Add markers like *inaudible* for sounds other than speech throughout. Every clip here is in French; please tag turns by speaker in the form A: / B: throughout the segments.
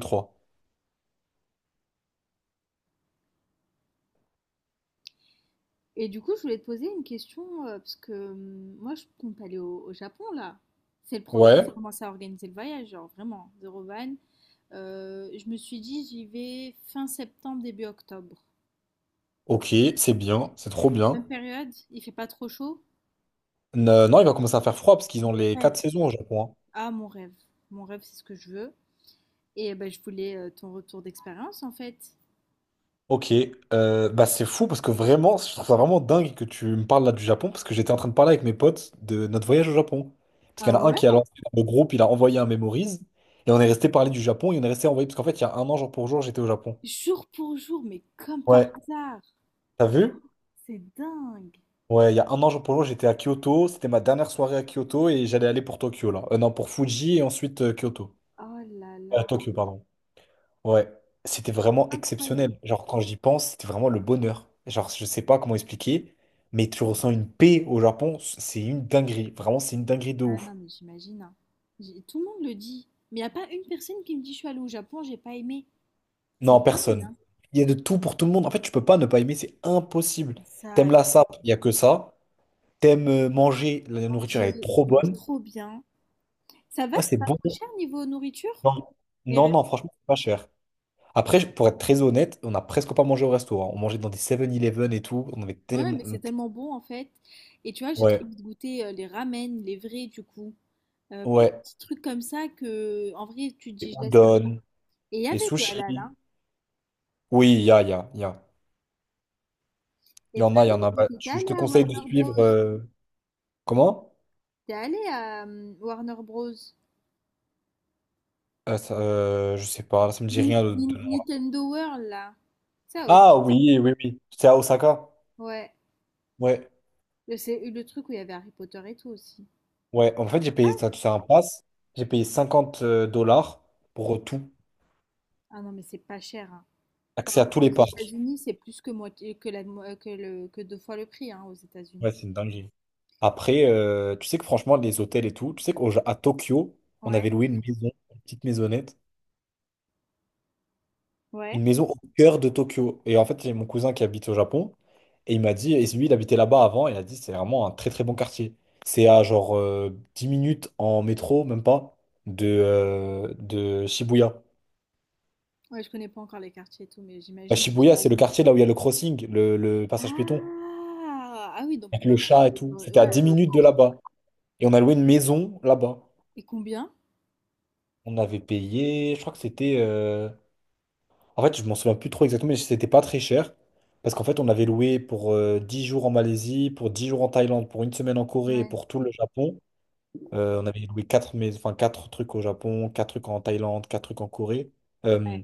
A: 3.
B: Et du coup, je voulais te poser une question, parce que moi, je compte aller au Japon, là. Je
A: Ouais,
B: vais commencer à organiser le voyage, genre vraiment, zéro van. Je me suis dit, j'y vais fin septembre, début octobre.
A: ok, c'est bien, c'est trop bien.
B: Bonne période, il fait pas trop chaud.
A: Non, il va commencer à faire froid parce qu'ils ont les 4
B: Rêve.
A: saisons au Japon, hein.
B: Ah, mon rêve. Mon rêve, c'est ce que je veux. Et eh ben, je voulais ton retour d'expérience, en fait.
A: Ok, bah c'est fou parce que vraiment, je trouve ça vraiment dingue que tu me parles là du Japon parce que j'étais en train de parler avec mes potes de notre voyage au Japon. Parce qu'il
B: Ah
A: y en a un
B: ouais?
A: qui a lancé dans le groupe, il a envoyé un Memories et on est resté parler du Japon et on est resté envoyé parce qu'en fait, il y a un an jour pour jour, j'étais au Japon.
B: Jour pour jour, mais comme par
A: Ouais,
B: hasard.
A: t'as vu?
B: C'est dingue.
A: Ouais, il y a un an jour pour jour, j'étais à Kyoto, c'était ma dernière soirée à Kyoto et j'allais aller pour Tokyo là. Non, pour Fuji et ensuite Kyoto.
B: Oh là là,
A: Tokyo, pardon. Ouais, c'était vraiment
B: incroyable.
A: exceptionnel. Genre, quand j'y pense, c'était vraiment le bonheur. Genre, je sais pas comment expliquer, mais tu ressens une paix au Japon, c'est une dinguerie. Vraiment, c'est une dinguerie de
B: Ah
A: ouf.
B: non, mais j'imagine, hein. Tout le monde le dit. Mais il n'y a pas une personne qui me dit je suis allée au Japon, j'ai pas aimé. C'est
A: Non,
B: dingue,
A: personne.
B: hein.
A: Il y a de tout pour tout le monde. En fait, tu peux pas ne pas aimer, c'est impossible.
B: Ça,
A: T'aimes la sape, il y a que ça. T'aimes manger, la nourriture elle est
B: manger, tu
A: trop
B: manges
A: bonne.
B: trop bien. Ça va,
A: Ouais, c'est
B: c'est pas
A: bon.
B: trop cher niveau nourriture?
A: Non,
B: Les
A: non,
B: restos-
A: non, franchement, c'est pas cher. Après, pour être très honnête, on n'a presque pas mangé au resto, hein. On mangeait dans des Seven eleven et tout. On avait
B: Ouais,
A: tellement.
B: mais c'est tellement bon en fait. Et tu vois, j'ai trop
A: Ouais,
B: envie de goûter les ramen, les vrais du coup. Plein de
A: ouais.
B: petits trucs comme ça que, en vrai, tu te
A: Et
B: dis je laisse là.
A: udon.
B: Et il y
A: Les
B: avait du halal,
A: sushis.
B: hein.
A: Oui, il y a, il y a, il y a. Il y
B: Et t'es
A: en a, il y en
B: allé,
A: a.
B: et
A: Bah,
B: t'es
A: je
B: allé
A: te
B: à
A: conseille de
B: Warner Bros.
A: suivre. Comment?
B: T'es allé à Warner Bros.
A: Ça, je sais pas, ça me dit rien de. de-
B: Nintendo World là. Ça,
A: Ah oui, oui, oui. C'est à Osaka.
B: ouais,
A: Ouais,
B: le c'est le truc où il y avait Harry Potter et tout aussi.
A: ouais. En fait, j'ai payé ça,
B: Ah,
A: c'est un pass. J'ai payé 50 dollars pour tout.
B: ah non, mais c'est pas cher, hein. Par
A: Accès à tous
B: rapport aux
A: les parcs.
B: États-Unis, c'est plus que moitié, que 2 fois le prix, hein, aux États-Unis.
A: Ouais, c'est une dinguerie. Après, tu sais que franchement, les hôtels et tout, tu sais qu'à Tokyo, on
B: Ouais,
A: avait loué une maison, une petite maisonnette,
B: ouais.
A: une maison au cœur de Tokyo. Et en fait, j'ai mon cousin qui habite au Japon. Et il m'a dit, et lui, il habitait là-bas avant. Et il a dit, c'est vraiment un très très bon quartier. C'est à genre 10 minutes en métro, même pas, de Shibuya.
B: Ouais, je connais pas encore les quartiers et tout, mais
A: Bah,
B: j'imagine.
A: Shibuya, c'est le quartier là où il y a le crossing, le passage piéton,
B: Ah, ah oui, donc,
A: avec le chat et tout. C'était
B: ouais,
A: à 10
B: le
A: minutes de
B: centre.
A: là-bas. Et on a loué une maison là-bas.
B: Et combien?
A: On avait payé, je crois que c'était. En fait, je m'en souviens plus trop exactement, mais c'était pas très cher. Parce qu'en fait, on avait loué pour 10 jours en Malaisie, pour 10 jours en Thaïlande, pour une semaine en Corée et
B: Ouais,
A: pour tout le Japon. On avait loué 4 mais, enfin, quatre trucs au Japon, 4 trucs en Thaïlande, 4 trucs en Corée, euh,
B: ouais.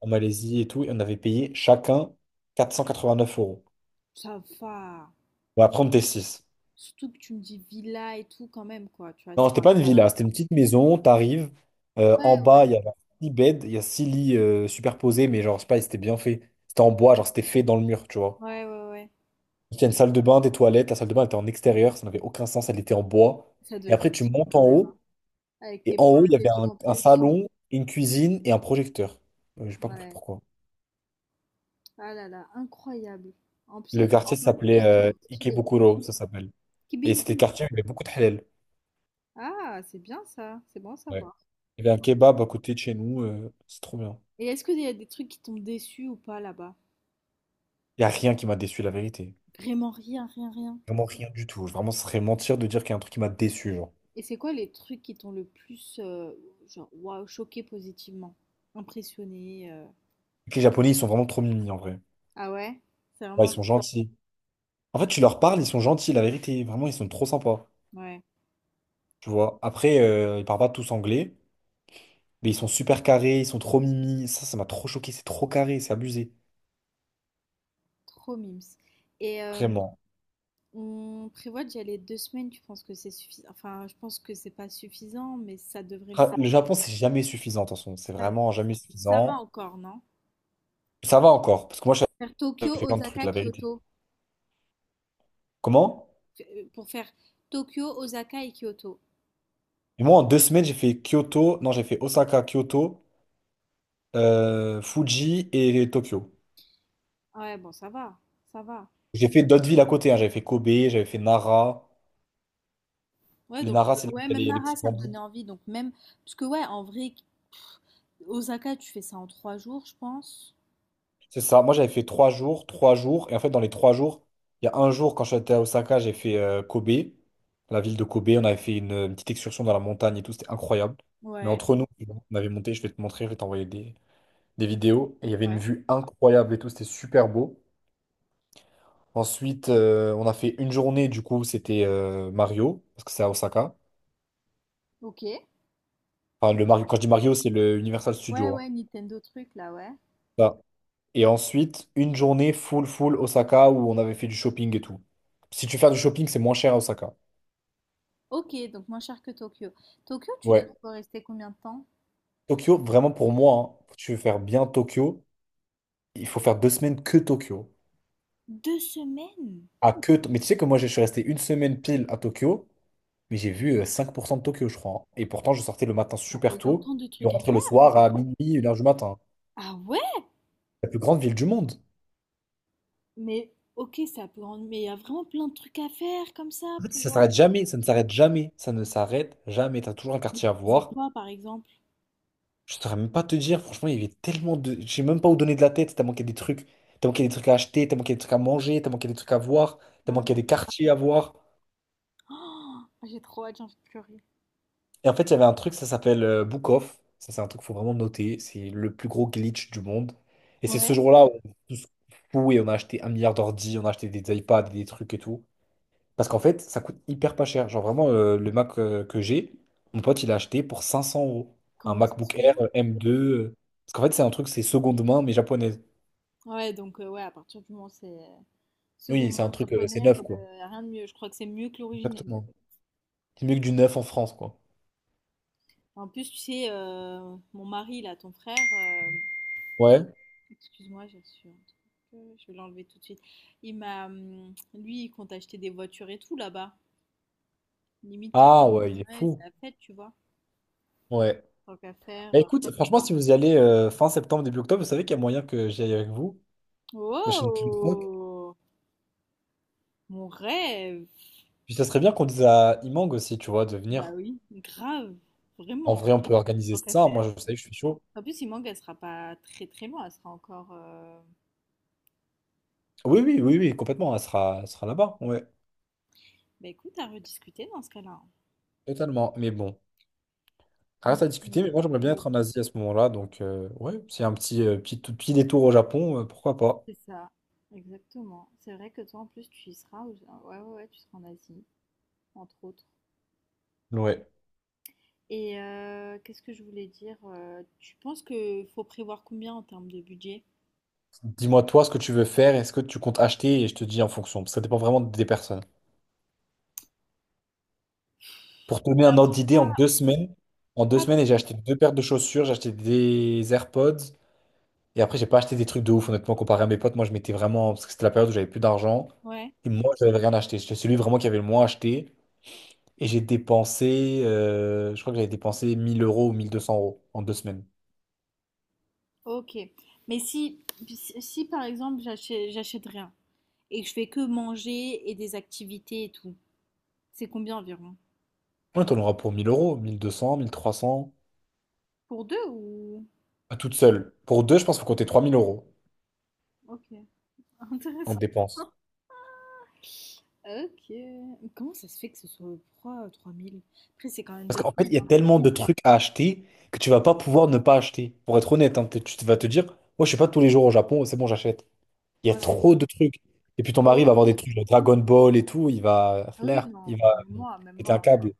A: en Malaisie et tout. Et on avait payé chacun 489 euros.
B: Ça va.
A: Bon, après, on était 6.
B: Surtout que tu me dis villa et tout quand même, quoi, tu vois,
A: Non, c'était pas une villa, c'était une petite maison. T'arrives, en
B: ouais, ouais.
A: bas, il y avait 6 beds, il y a 6 lits superposés, mais genre, je sais pas, c'était bien fait. C'était en bois, genre, c'était fait dans le mur, tu vois.
B: Ouais, ouais, ouais.
A: Il y a une salle de bain, des toilettes. La salle de bain était en extérieur, ça n'avait aucun sens, elle était en bois.
B: Ça doit
A: Et
B: être
A: après, tu
B: stylé
A: montes
B: quand
A: en
B: même, hein.
A: haut,
B: Avec
A: et
B: tes
A: en haut, il y
B: potes et
A: avait un,
B: tout en
A: un
B: plus.
A: salon, une cuisine et un projecteur. J'ai pas compris
B: Ouais.
A: pourquoi.
B: Ah là là, incroyable. En plus
A: Le
B: avec des
A: quartier
B: potes et tout,
A: s'appelait
B: ça doit être stylé, hein.
A: Ikebukuro, ça s'appelle. Et c'était le
B: Kibingu.
A: quartier où il y avait beaucoup de halal.
B: Ah, c'est bien ça, c'est bon à
A: Ouais.
B: savoir.
A: Il y avait un kebab à côté de chez nous, c'est trop bien.
B: Et est-ce qu'il y a des trucs qui t'ont déçu ou pas là-bas?
A: Il n'y a rien qui m'a déçu, la vérité.
B: Vraiment rien, rien, rien.
A: Vraiment rien du tout. Vraiment, ce serait mentir de dire qu'il y a un truc qui m'a déçu, genre.
B: Et c'est quoi les trucs qui t'ont le plus, genre, waouh, choqué positivement? Impressionné?
A: Les Japonais, ils sont vraiment trop mignons, en vrai.
B: Ah ouais? C'est
A: Ouais,
B: vraiment
A: ils
B: le
A: sont
B: truc.
A: gentils. En fait, tu leur parles, ils sont gentils, la vérité. Vraiment, ils sont trop sympas.
B: Ouais,
A: Tu vois. Après, ils parlent pas tous anglais, mais ils sont super carrés, ils sont trop mimi. Ça m'a trop choqué, c'est trop carré, c'est abusé.
B: trop mimes. Et euh,
A: Vraiment.
B: on prévoit d'y aller 2 semaines, tu penses que c'est suffisant? Enfin, je pense que c'est pas suffisant, mais ça devrait le
A: Ah, le
B: faire.
A: Japon, c'est jamais suffisant, attention. C'est
B: Ça,
A: vraiment jamais
B: ça va
A: suffisant.
B: encore, non?
A: Ça va encore, parce que moi,
B: Faire Tokyo,
A: j'ai fait plein de trucs,
B: Osaka,
A: la vérité.
B: Kyoto.
A: Comment?
B: Pour faire Tokyo, Osaka et Kyoto.
A: Et moi, en deux semaines, j'ai fait Kyoto, non, j'ai fait Osaka, Kyoto, Fuji et Tokyo.
B: Ouais, bon, ça va, ça va.
A: J'ai fait d'autres villes à côté, hein. J'avais fait Kobe, j'avais fait Nara.
B: Ouais,
A: Les
B: donc,
A: Nara, c'est là où
B: ouais,
A: il y a
B: même
A: les
B: Nara,
A: petits
B: ça me
A: bambous.
B: donnait envie. Donc, même, parce que, ouais, en vrai, Osaka, tu fais ça en 3 jours, je pense.
A: C'est ça. Moi, j'avais fait trois jours, trois jours. Et en fait, dans les trois jours, il y a un jour, quand j'étais à Osaka, j'ai fait Kobe, la ville de Kobe. On avait fait une petite excursion dans la montagne et tout. C'était incroyable. Mais
B: Ouais,
A: entre nous, on avait monté. Je vais te montrer, je vais t'envoyer des vidéos. Et il y avait une
B: ouais.
A: vue incroyable et tout. C'était super beau. Ensuite, on a fait une journée. Du coup, c'était Mario, parce que c'est à Osaka.
B: Ok.
A: Enfin, le Mario, quand je dis Mario, c'est le Universal
B: Ouais,
A: Studio,
B: ouais, Nintendo truc, là, ouais.
A: hein. Et ensuite, une journée full, full Osaka où on avait fait du shopping et tout. Si tu fais du shopping, c'est moins cher à Osaka.
B: Ok, donc moins cher que Tokyo. Tokyo, tu dis
A: Ouais.
B: qu'il faut rester combien de temps?
A: Tokyo, vraiment pour moi, hein, si tu veux faire bien Tokyo, il faut faire deux semaines que Tokyo.
B: 2 semaines?
A: Mais tu sais que moi, je suis resté une semaine pile à Tokyo, mais j'ai vu 5% de Tokyo, je crois, hein. Et pourtant, je sortais le matin
B: Il y a
A: super tôt
B: autant de
A: et on
B: trucs à
A: rentrait le
B: faire?
A: soir à minuit, 1 heure du matin.
B: Ah ouais?
A: La plus grande ville du monde.
B: Mais ok, mais il y a vraiment plein de trucs à faire comme ça
A: En fait, ça
B: pour.
A: s'arrête jamais, ça ne s'arrête jamais, ça ne s'arrête jamais. T'as toujours un
B: Mais
A: quartier
B: tu
A: à
B: faisais
A: voir.
B: quoi, par exemple?
A: Je saurais même pas te dire, franchement, il y avait tellement de. Je sais même pas où donner de la tête, tellement qu'il y a des trucs. Tellement qu'il y a des trucs à acheter, tellement qu'il y a des trucs à manger, tellement qu'il y a des trucs à voir,
B: Ah
A: tellement qu'il y a
B: oui.
A: des quartiers à voir.
B: Oh, j'ai trop hâte, j'ai envie de pleurer.
A: Et en fait, il y avait un truc, ça s'appelle Book Off. Ça, c'est un truc qu'il faut vraiment noter. C'est le plus gros glitch du monde. Et c'est ce
B: Ouais.
A: jour-là où on est tous fous et on a acheté un milliard d'ordi, on a acheté des iPads, des trucs et tout. Parce qu'en fait, ça coûte hyper pas cher. Genre vraiment, le Mac que j'ai, mon pote, il a acheté pour 500 euros. Un
B: Comment ça se
A: MacBook Air
B: fait?
A: M2. Parce qu'en fait, c'est un truc, c'est seconde main, mais japonaise.
B: Ouais, donc ouais, à partir du moment où c'est
A: Oui,
B: seconde
A: c'est un
B: main
A: truc, c'est
B: japonaise,
A: neuf, quoi.
B: rien de mieux. Je crois que c'est mieux que l'original.
A: Exactement. C'est mieux que du neuf en France, quoi.
B: En plus, tu sais, mon mari, là, ton frère,
A: Ouais.
B: excuse-moi, j'ai reçu un truc, je vais l'enlever tout de suite. Il m'a, lui, il compte acheter des voitures et tout là-bas. Limite,
A: Ah ouais, il est
B: ouais, c'est
A: fou.
B: la fête, tu vois.
A: Ouais.
B: Tant qu'à faire,
A: Bah écoute, franchement, si vous y allez fin septembre, début octobre, vous savez qu'il y a moyen que j'y aille avec vous. La chaîne Plunk.
B: Oh, mon rêve!
A: Puis ça serait bien qu'on dise à Imang aussi, tu vois, de
B: Bah
A: venir.
B: oui, grave,
A: En
B: vraiment,
A: vrai, on peut organiser
B: tant qu'à
A: ça.
B: faire.
A: Moi, je sais que je suis chaud.
B: En plus, Imang, elle sera pas très très loin, elle sera encore,
A: Oui, oui, oui, oui, complètement. Elle sera là-bas. Ouais,
B: bah écoute, à rediscuter dans ce cas-là, hein.
A: totalement. Mais bon, ça
B: Donc,
A: reste à discuter. Mais
B: euh,
A: moi, j'aimerais bien être en Asie à ce moment-là. Donc, ouais, c'est un tout petit détour au Japon, pourquoi pas.
B: c'est ça, exactement. C'est vrai que toi, en plus, tu y seras, ouais, ouais, ouais, tu seras en Asie, entre autres.
A: Ouais.
B: Qu'est-ce que je voulais dire? Tu penses que faut prévoir combien en termes de budget?
A: Dis-moi toi ce que tu veux faire, est-ce que tu comptes acheter et je te dis en fonction, parce que ça dépend vraiment des personnes. Pour te donner un ordre d'idée, en
B: Ah,
A: deux semaines, en deux
B: ah,
A: semaines, et j'ai acheté deux paires de chaussures, j'ai acheté des AirPods, et après j'ai pas acheté des trucs de ouf, honnêtement, comparé à mes potes, moi je m'étais vraiment, parce que c'était la période où j'avais plus d'argent,
B: ouais,
A: et moi j'avais rien acheté, j'étais celui vraiment qui avait le moins acheté, et j'ai dépensé, je crois que j'avais dépensé 1 000 euros ou 1 200 euros en deux semaines.
B: ok. Mais si, si, si, par exemple, j'achète rien et que je fais que manger et des activités et tout. C'est combien environ?
A: Ouais, t'en auras pour 1 000 euros, 1 200, 1 300,
B: Pour deux ou.
A: à toute seule. Pour deux, je pense qu'il faut compter 3 000 euros
B: Ok, *laughs*
A: en
B: intéressant.
A: dépenses.
B: Ok. Mais comment ça se fait que ce soit trois mille. Après, c'est quand même
A: Parce
B: deux
A: qu'en fait,
B: semaines.
A: il y a
B: hein.
A: tellement de trucs à acheter que tu vas pas pouvoir ne pas acheter. Pour être honnête, hein, tu vas te dire, moi, je suis pas tous les jours au Japon, c'est bon, j'achète. Il y a
B: Ouais, je
A: trop
B: vois.
A: de trucs. Et puis ton mari va
B: Ok.
A: avoir des trucs, genre Dragon Ball et tout, il va
B: Oui,
A: flair,
B: non,
A: il va
B: même moi, même
A: péter
B: moi,
A: un
B: ouais.
A: câble.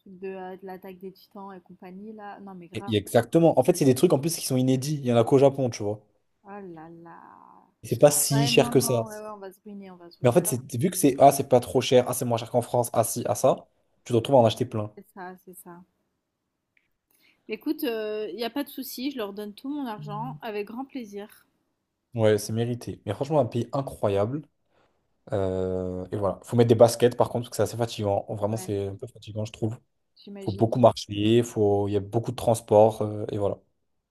B: Truc de l'attaque des titans et compagnie, là. Non, mais
A: Et-
B: grave.
A: et exactement. En fait, c'est des trucs en plus qui sont inédits. Il y en a qu'au Japon, tu vois.
B: Ah là là.
A: Et c'est pas si
B: Ouais,
A: cher
B: non,
A: que ça.
B: non, ouais, ouais, on va se ruiner, on va se
A: Mais en
B: ruiner.
A: fait, c'est vu que c'est, ah, c'est pas trop cher, ah, c'est moins cher qu'en France, ah, si, ah, ça, tu te retrouves à en acheter plein.
B: C'est ça, c'est ça. Écoute, il n'y a pas de souci, je leur donne tout mon argent avec grand plaisir.
A: Ouais, c'est mérité. Mais franchement, un pays incroyable. Et voilà. Faut mettre des baskets par contre, parce que c'est assez fatigant. Vraiment,
B: Ouais,
A: c'est un peu fatigant, je trouve. Faut
B: j'imagine.
A: beaucoup marcher, faut, il y a beaucoup de transport, et voilà.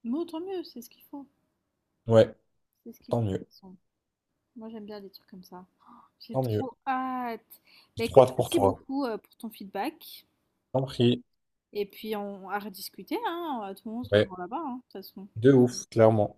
B: Mais autant mieux, c'est ce qu'il faut.
A: Ouais,
B: C'est ce qu'il
A: tant mieux.
B: faut. Moi, j'aime bien les trucs comme ça. Oh, j'ai
A: Tant mieux.
B: trop hâte.
A: J'ai
B: Bah
A: trop
B: écoute,
A: hâte pour
B: merci
A: toi.
B: beaucoup pour ton feedback.
A: Tant pris.
B: Et puis, on à rediscuter, hein. Tout le monde se
A: Ouais,
B: revoit là-bas, hein, de toute façon.
A: de ouf, clairement.